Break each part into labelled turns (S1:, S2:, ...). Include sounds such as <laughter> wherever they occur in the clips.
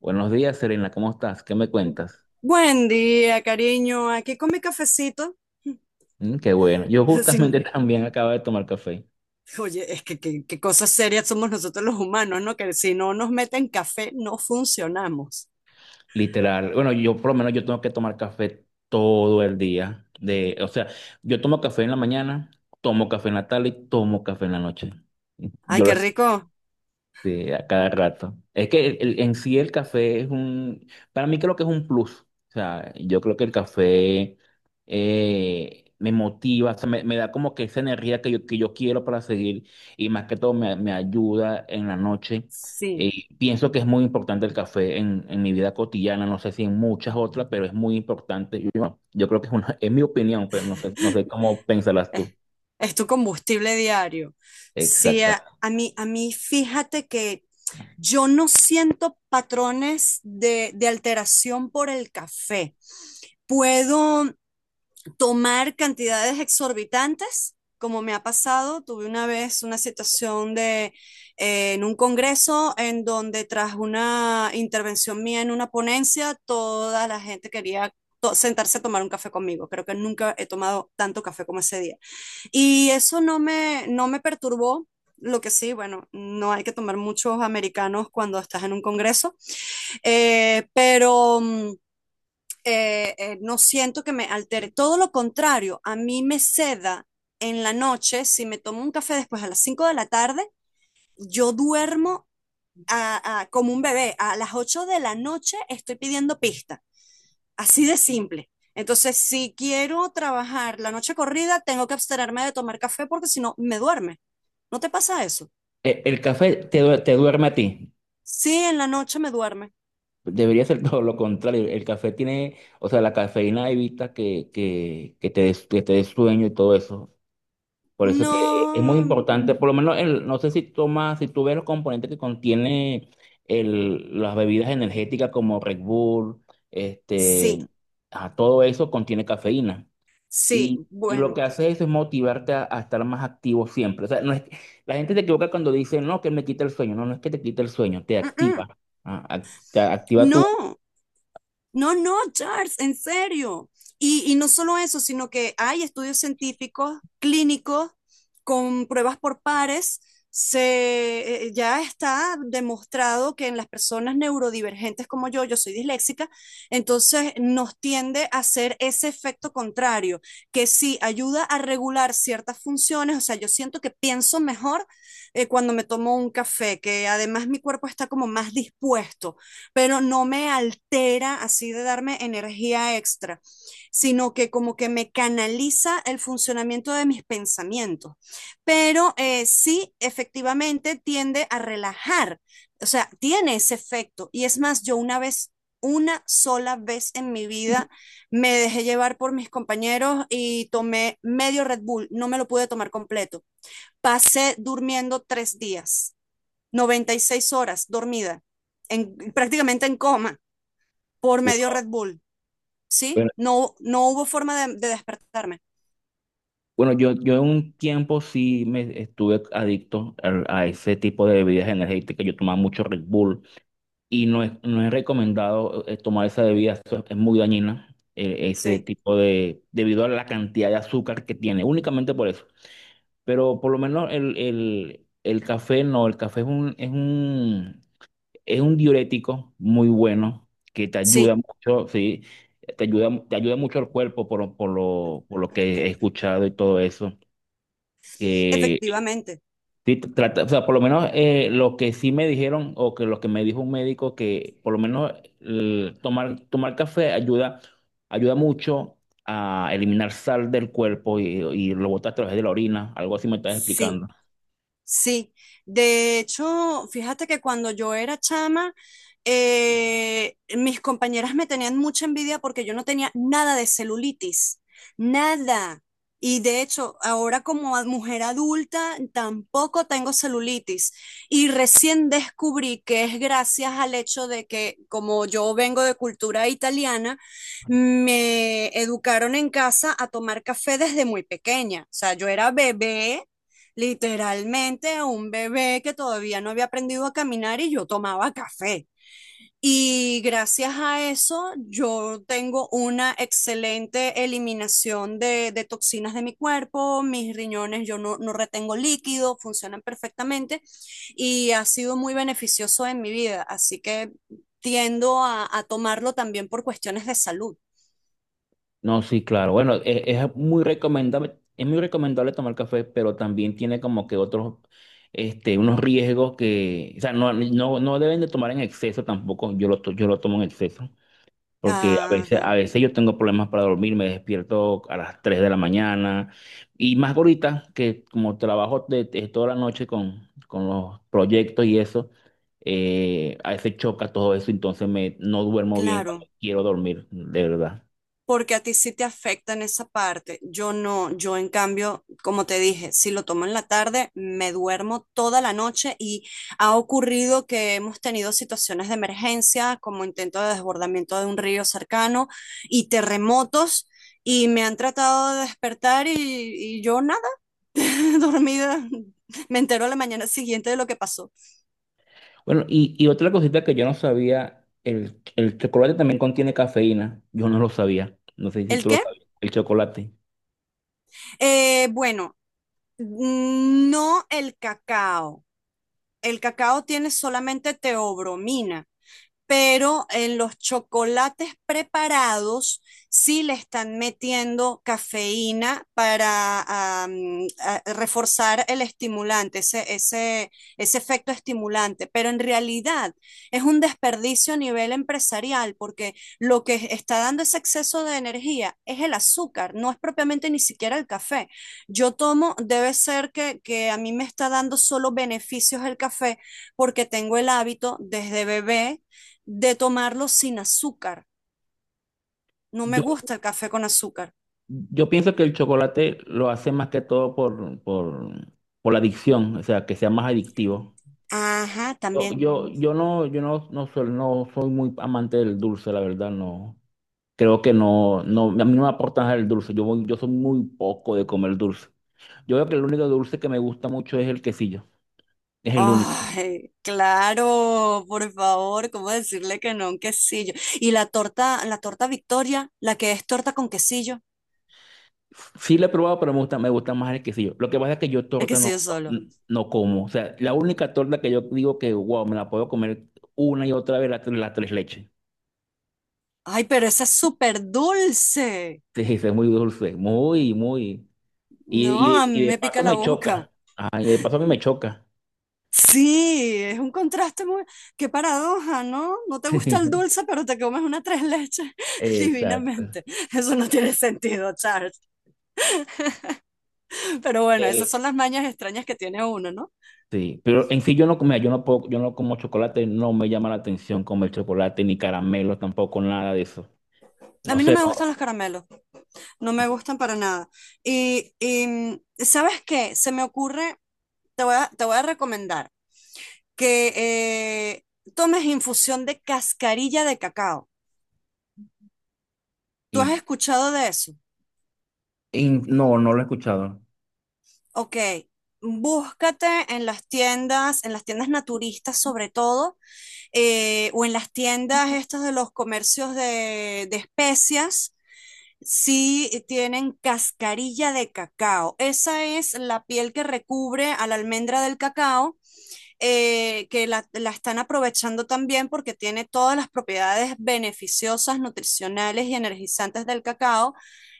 S1: Buenos días, Serena, ¿cómo estás? ¿Qué me cuentas?
S2: Buen día, cariño. Aquí con mi cafecito.
S1: Mm, qué bueno. Yo
S2: <laughs> Sin-
S1: justamente también acabo de tomar café,
S2: Oye, es que qué cosas serias somos nosotros los humanos, ¿no? Que si no nos meten café, no funcionamos.
S1: literal. Bueno, yo por lo menos yo tengo que tomar café todo el día. O sea, yo tomo café en la mañana, tomo café en la tarde y tomo café en la noche.
S2: Ay,
S1: Yo lo
S2: qué rico.
S1: Sí, a cada rato. Es que en sí el café es un, para mí creo que es un plus. O sea, yo creo que el café me motiva, o sea, me da como que esa energía que que yo quiero para seguir, y más que todo me ayuda en la noche. Eh,
S2: Sí,
S1: Pienso que es muy importante el café en mi vida cotidiana, no sé si en muchas otras, pero es muy importante. Yo creo que es una, <laughs> es mi opinión, pero no sé, no sé cómo pensarás
S2: es,
S1: tú.
S2: es tu combustible diario. Sí, a,
S1: Exactamente.
S2: a mí, a mí, fíjate que yo no siento patrones de alteración por el café. Puedo tomar cantidades exorbitantes, como me ha pasado. Tuve una vez una situación en un congreso en donde tras una intervención mía en una ponencia, toda la gente quería sentarse a tomar un café conmigo. Creo que nunca he tomado tanto café como ese día. Y eso no me perturbó. Lo que sí, bueno, no hay que tomar muchos americanos cuando estás en un congreso, pero no siento que me altere. Todo lo contrario, a mí me seda en la noche, si me tomo un café después a las 5 de la tarde, yo duermo como un bebé. A las 8 de la noche estoy pidiendo pista. Así de simple. Entonces, si quiero trabajar la noche corrida, tengo que abstenerme de tomar café porque si no, me duerme. ¿No te pasa eso?
S1: El café te, te duerme a ti.
S2: Sí, en la noche me duerme.
S1: Debería ser <laughs> todo lo contrario. El café tiene, o sea, la cafeína evita que, que te des sueño y todo eso. Por eso es que es muy
S2: No,
S1: importante, por lo menos, el, no sé si tomas, si tú ves los componentes que contiene el, las bebidas energéticas como Red Bull,
S2: sí,
S1: este, a todo eso contiene cafeína.
S2: sí,
S1: Y, y lo
S2: bueno.
S1: que hace eso es motivarte a estar más activo siempre. O sea, no es, la gente se equivoca cuando dice, no, que me quita el sueño. No, no es que te quita el sueño, te
S2: mm,
S1: activa.
S2: mm,
S1: Ah, te activa tu
S2: No, no, no, Charles, en serio. Y no solo eso, sino que hay estudios científicos, clínicos, con pruebas por pares. Ya está demostrado que en las personas neurodivergentes como yo soy disléxica, entonces nos tiende a hacer ese efecto contrario, que sí ayuda a regular ciertas funciones, o sea, yo siento que pienso mejor cuando me tomo un café, que además mi cuerpo está como más dispuesto, pero no me altera así de darme energía extra, sino que como que me canaliza el funcionamiento de mis pensamientos. Pero sí, efectivamente tiende a relajar, o sea, tiene ese efecto. Y es más, yo una sola vez en mi vida me dejé llevar por mis compañeros y tomé medio Red Bull, no me lo pude tomar completo. Pasé durmiendo 3 días, 96 horas dormida, prácticamente en coma, por medio Red Bull, ¿sí?
S1: Bueno,
S2: No, no hubo forma de despertarme,
S1: bueno, yo en un tiempo sí me estuve adicto a ese tipo de bebidas energéticas. Yo tomaba mucho Red Bull y no es recomendado tomar esa bebida, eso es muy dañina, ese
S2: sí,
S1: tipo de, debido a la cantidad de azúcar que tiene, únicamente por eso. Pero por lo menos el café no, el café es un, es un diurético muy bueno que te ayuda
S2: sí,
S1: mucho, sí, te ayuda mucho el cuerpo por lo que he escuchado y todo eso. Que
S2: efectivamente,
S1: sí trata, o sea, por lo menos lo que sí me dijeron o que lo que me dijo un médico que por lo menos el tomar café ayuda, ayuda mucho a eliminar sal del cuerpo y lo botas a través de la orina, algo así me estás
S2: sí.
S1: explicando.
S2: Sí, de hecho, fíjate que cuando yo era chama, mis compañeras me tenían mucha envidia porque yo no tenía nada de celulitis, nada. Y de hecho, ahora como mujer adulta, tampoco tengo celulitis. Y recién descubrí que es gracias al hecho de que, como yo vengo de cultura italiana, me educaron en casa a tomar café desde muy pequeña. O sea, yo era bebé, literalmente un bebé que todavía no había aprendido a caminar y yo tomaba café. Y gracias a eso yo tengo una excelente eliminación de toxinas de mi cuerpo, mis riñones yo no retengo líquido, funcionan perfectamente y ha sido muy beneficioso en mi vida. Así que tiendo a tomarlo también por cuestiones de salud.
S1: No, sí, claro. Bueno, muy recomendable, es muy recomendable tomar café, pero también tiene como que otros, este, unos riesgos que, o sea, no, no, no deben de tomar en exceso tampoco. Yo lo tomo en exceso, porque a
S2: Ajá,
S1: veces yo tengo problemas para dormir, me despierto a las 3 de la mañana, y más ahorita que como trabajo de toda la noche con los proyectos y eso, a veces choca todo eso, entonces me, no duermo bien cuando
S2: claro,
S1: quiero dormir, de verdad.
S2: porque a ti sí te afecta en esa parte. Yo no, yo en cambio, como te dije, si lo tomo en la tarde, me duermo toda la noche y ha ocurrido que hemos tenido situaciones de emergencia, como intento de desbordamiento de un río cercano y terremotos. Y me han tratado de despertar y yo nada, <laughs> dormida. Me entero a la mañana siguiente de lo que pasó.
S1: Bueno, y otra cosita que yo no sabía, el chocolate también contiene cafeína. Yo no lo sabía. No sé si
S2: ¿El
S1: tú lo
S2: qué?
S1: sabías. El chocolate.
S2: Bueno, no el cacao tiene solamente teobromina, pero en los chocolates preparados sí le están metiendo cafeína para reforzar el estimulante, ese efecto estimulante. Pero en realidad es un desperdicio a nivel empresarial porque lo que está dando ese exceso de energía es el azúcar, no es propiamente ni siquiera el café. Debe ser que a mí me está dando solo beneficios el café porque tengo el hábito desde bebé de tomarlo sin azúcar. No me
S1: Yo,
S2: gusta el café con azúcar.
S1: yo pienso que el chocolate lo hace más que todo por por la adicción, o sea, que sea más adictivo.
S2: Ajá,
S1: Yo,
S2: también.
S1: yo, yo no, yo no, no, soy, No soy muy amante del dulce, la verdad, no. Creo que no, no, a mí no me aporta nada el dulce. Yo soy muy poco de comer dulce. Yo creo que el único dulce que me gusta mucho es el quesillo. Es el único.
S2: Ay, claro, por favor, ¿cómo decirle que no a un quesillo? Y la torta Victoria, la que es torta con quesillo,
S1: Sí la he probado, pero me gusta más el quesillo. Lo que pasa es que yo
S2: el
S1: torta no,
S2: quesillo
S1: no,
S2: solo.
S1: no como. O sea, la única torta que yo digo que, wow, me la puedo comer una y otra vez la tres leches.
S2: Ay, pero esa es súper dulce.
S1: Sí, sí, es muy dulce, muy, muy.
S2: No,
S1: Y, y,
S2: a mí
S1: y de
S2: me pica
S1: paso
S2: la
S1: me
S2: boca.
S1: choca. Ay, de paso a mí me choca.
S2: Sí, es un contraste muy. Qué paradoja, ¿no? No te gusta el
S1: <laughs>
S2: dulce, pero te comes una tres leches <laughs>
S1: Exacto.
S2: divinamente. Eso no tiene sentido, Charles. Pero bueno, esas
S1: El-
S2: son las mañas extrañas que tiene uno, ¿no?
S1: sí, pero en sí yo no, mira, yo no puedo, yo no como chocolate, no me llama la atención comer chocolate, ni caramelo, tampoco nada de eso.
S2: A
S1: No
S2: mí no
S1: sé,
S2: me
S1: no.
S2: gustan los caramelos, no me gustan para nada. Y, ¿sabes qué? Se me ocurre, te voy a recomendar que tomes infusión de cascarilla de cacao. ¿Tú has
S1: Y,
S2: escuchado de eso?
S1: y no, no lo he escuchado.
S2: Ok, búscate en las tiendas naturistas sobre todo, o en las tiendas estas de los comercios de especias. Sí, tienen cascarilla de cacao. Esa es la piel que recubre a la almendra del cacao, que la están aprovechando también porque tiene todas las propiedades beneficiosas, nutricionales y energizantes del cacao.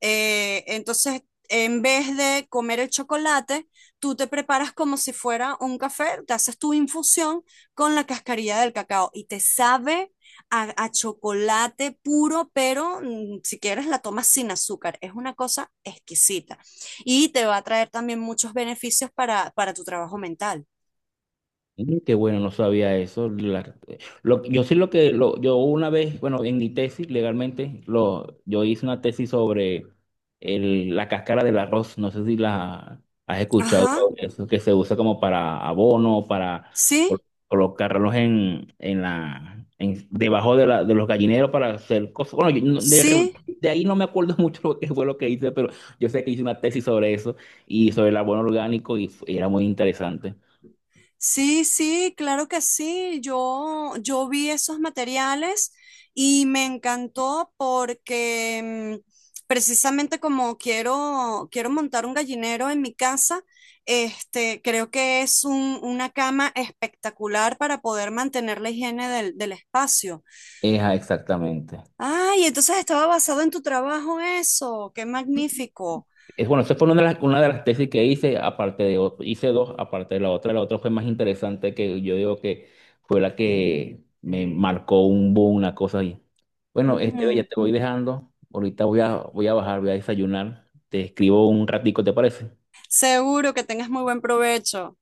S2: Entonces, en vez de comer el chocolate, tú te preparas como si fuera un café, te haces tu infusión con la cascarilla del cacao y te sabe a chocolate puro, pero si quieres la tomas sin azúcar. Es una cosa exquisita y te va a traer también muchos beneficios para tu trabajo mental.
S1: Mm, qué bueno, no sabía eso. Yo sí lo que, lo, yo una vez, bueno, en mi tesis legalmente, lo, yo hice una tesis sobre el, la cáscara del arroz, no sé si la has escuchado
S2: Ajá.
S1: sobre eso, que se usa como para abono, para
S2: Sí,
S1: colocarlos debajo de los gallineros para hacer cosas. Bueno, yo no-
S2: sí,
S1: de ahí no me acuerdo <laughs> mucho lo que fue lo que hice, pero yo sé que hice una tesis sobre eso y sobre el abono orgánico y era muy interesante.
S2: sí, sí, claro que sí. Yo vi esos materiales y me encantó porque precisamente como quiero montar un gallinero en mi casa, este, creo que es una cama espectacular para poder mantener la higiene del espacio.
S1: Esa, exactamente.
S2: Ay, entonces estaba basado en tu trabajo eso. Qué magnífico.
S1: Es, bueno, esa fue una de las tesis que hice, aparte de, hice dos, aparte de la otra. La otra fue más interesante que yo digo que fue la que me marcó un boom, una cosa ahí. Bueno, este, ya
S2: Ujú.
S1: te voy dejando. Ahorita voy a bajar, voy a desayunar. Te escribo un ratico, ¿te parece?
S2: Seguro que tengas muy buen provecho.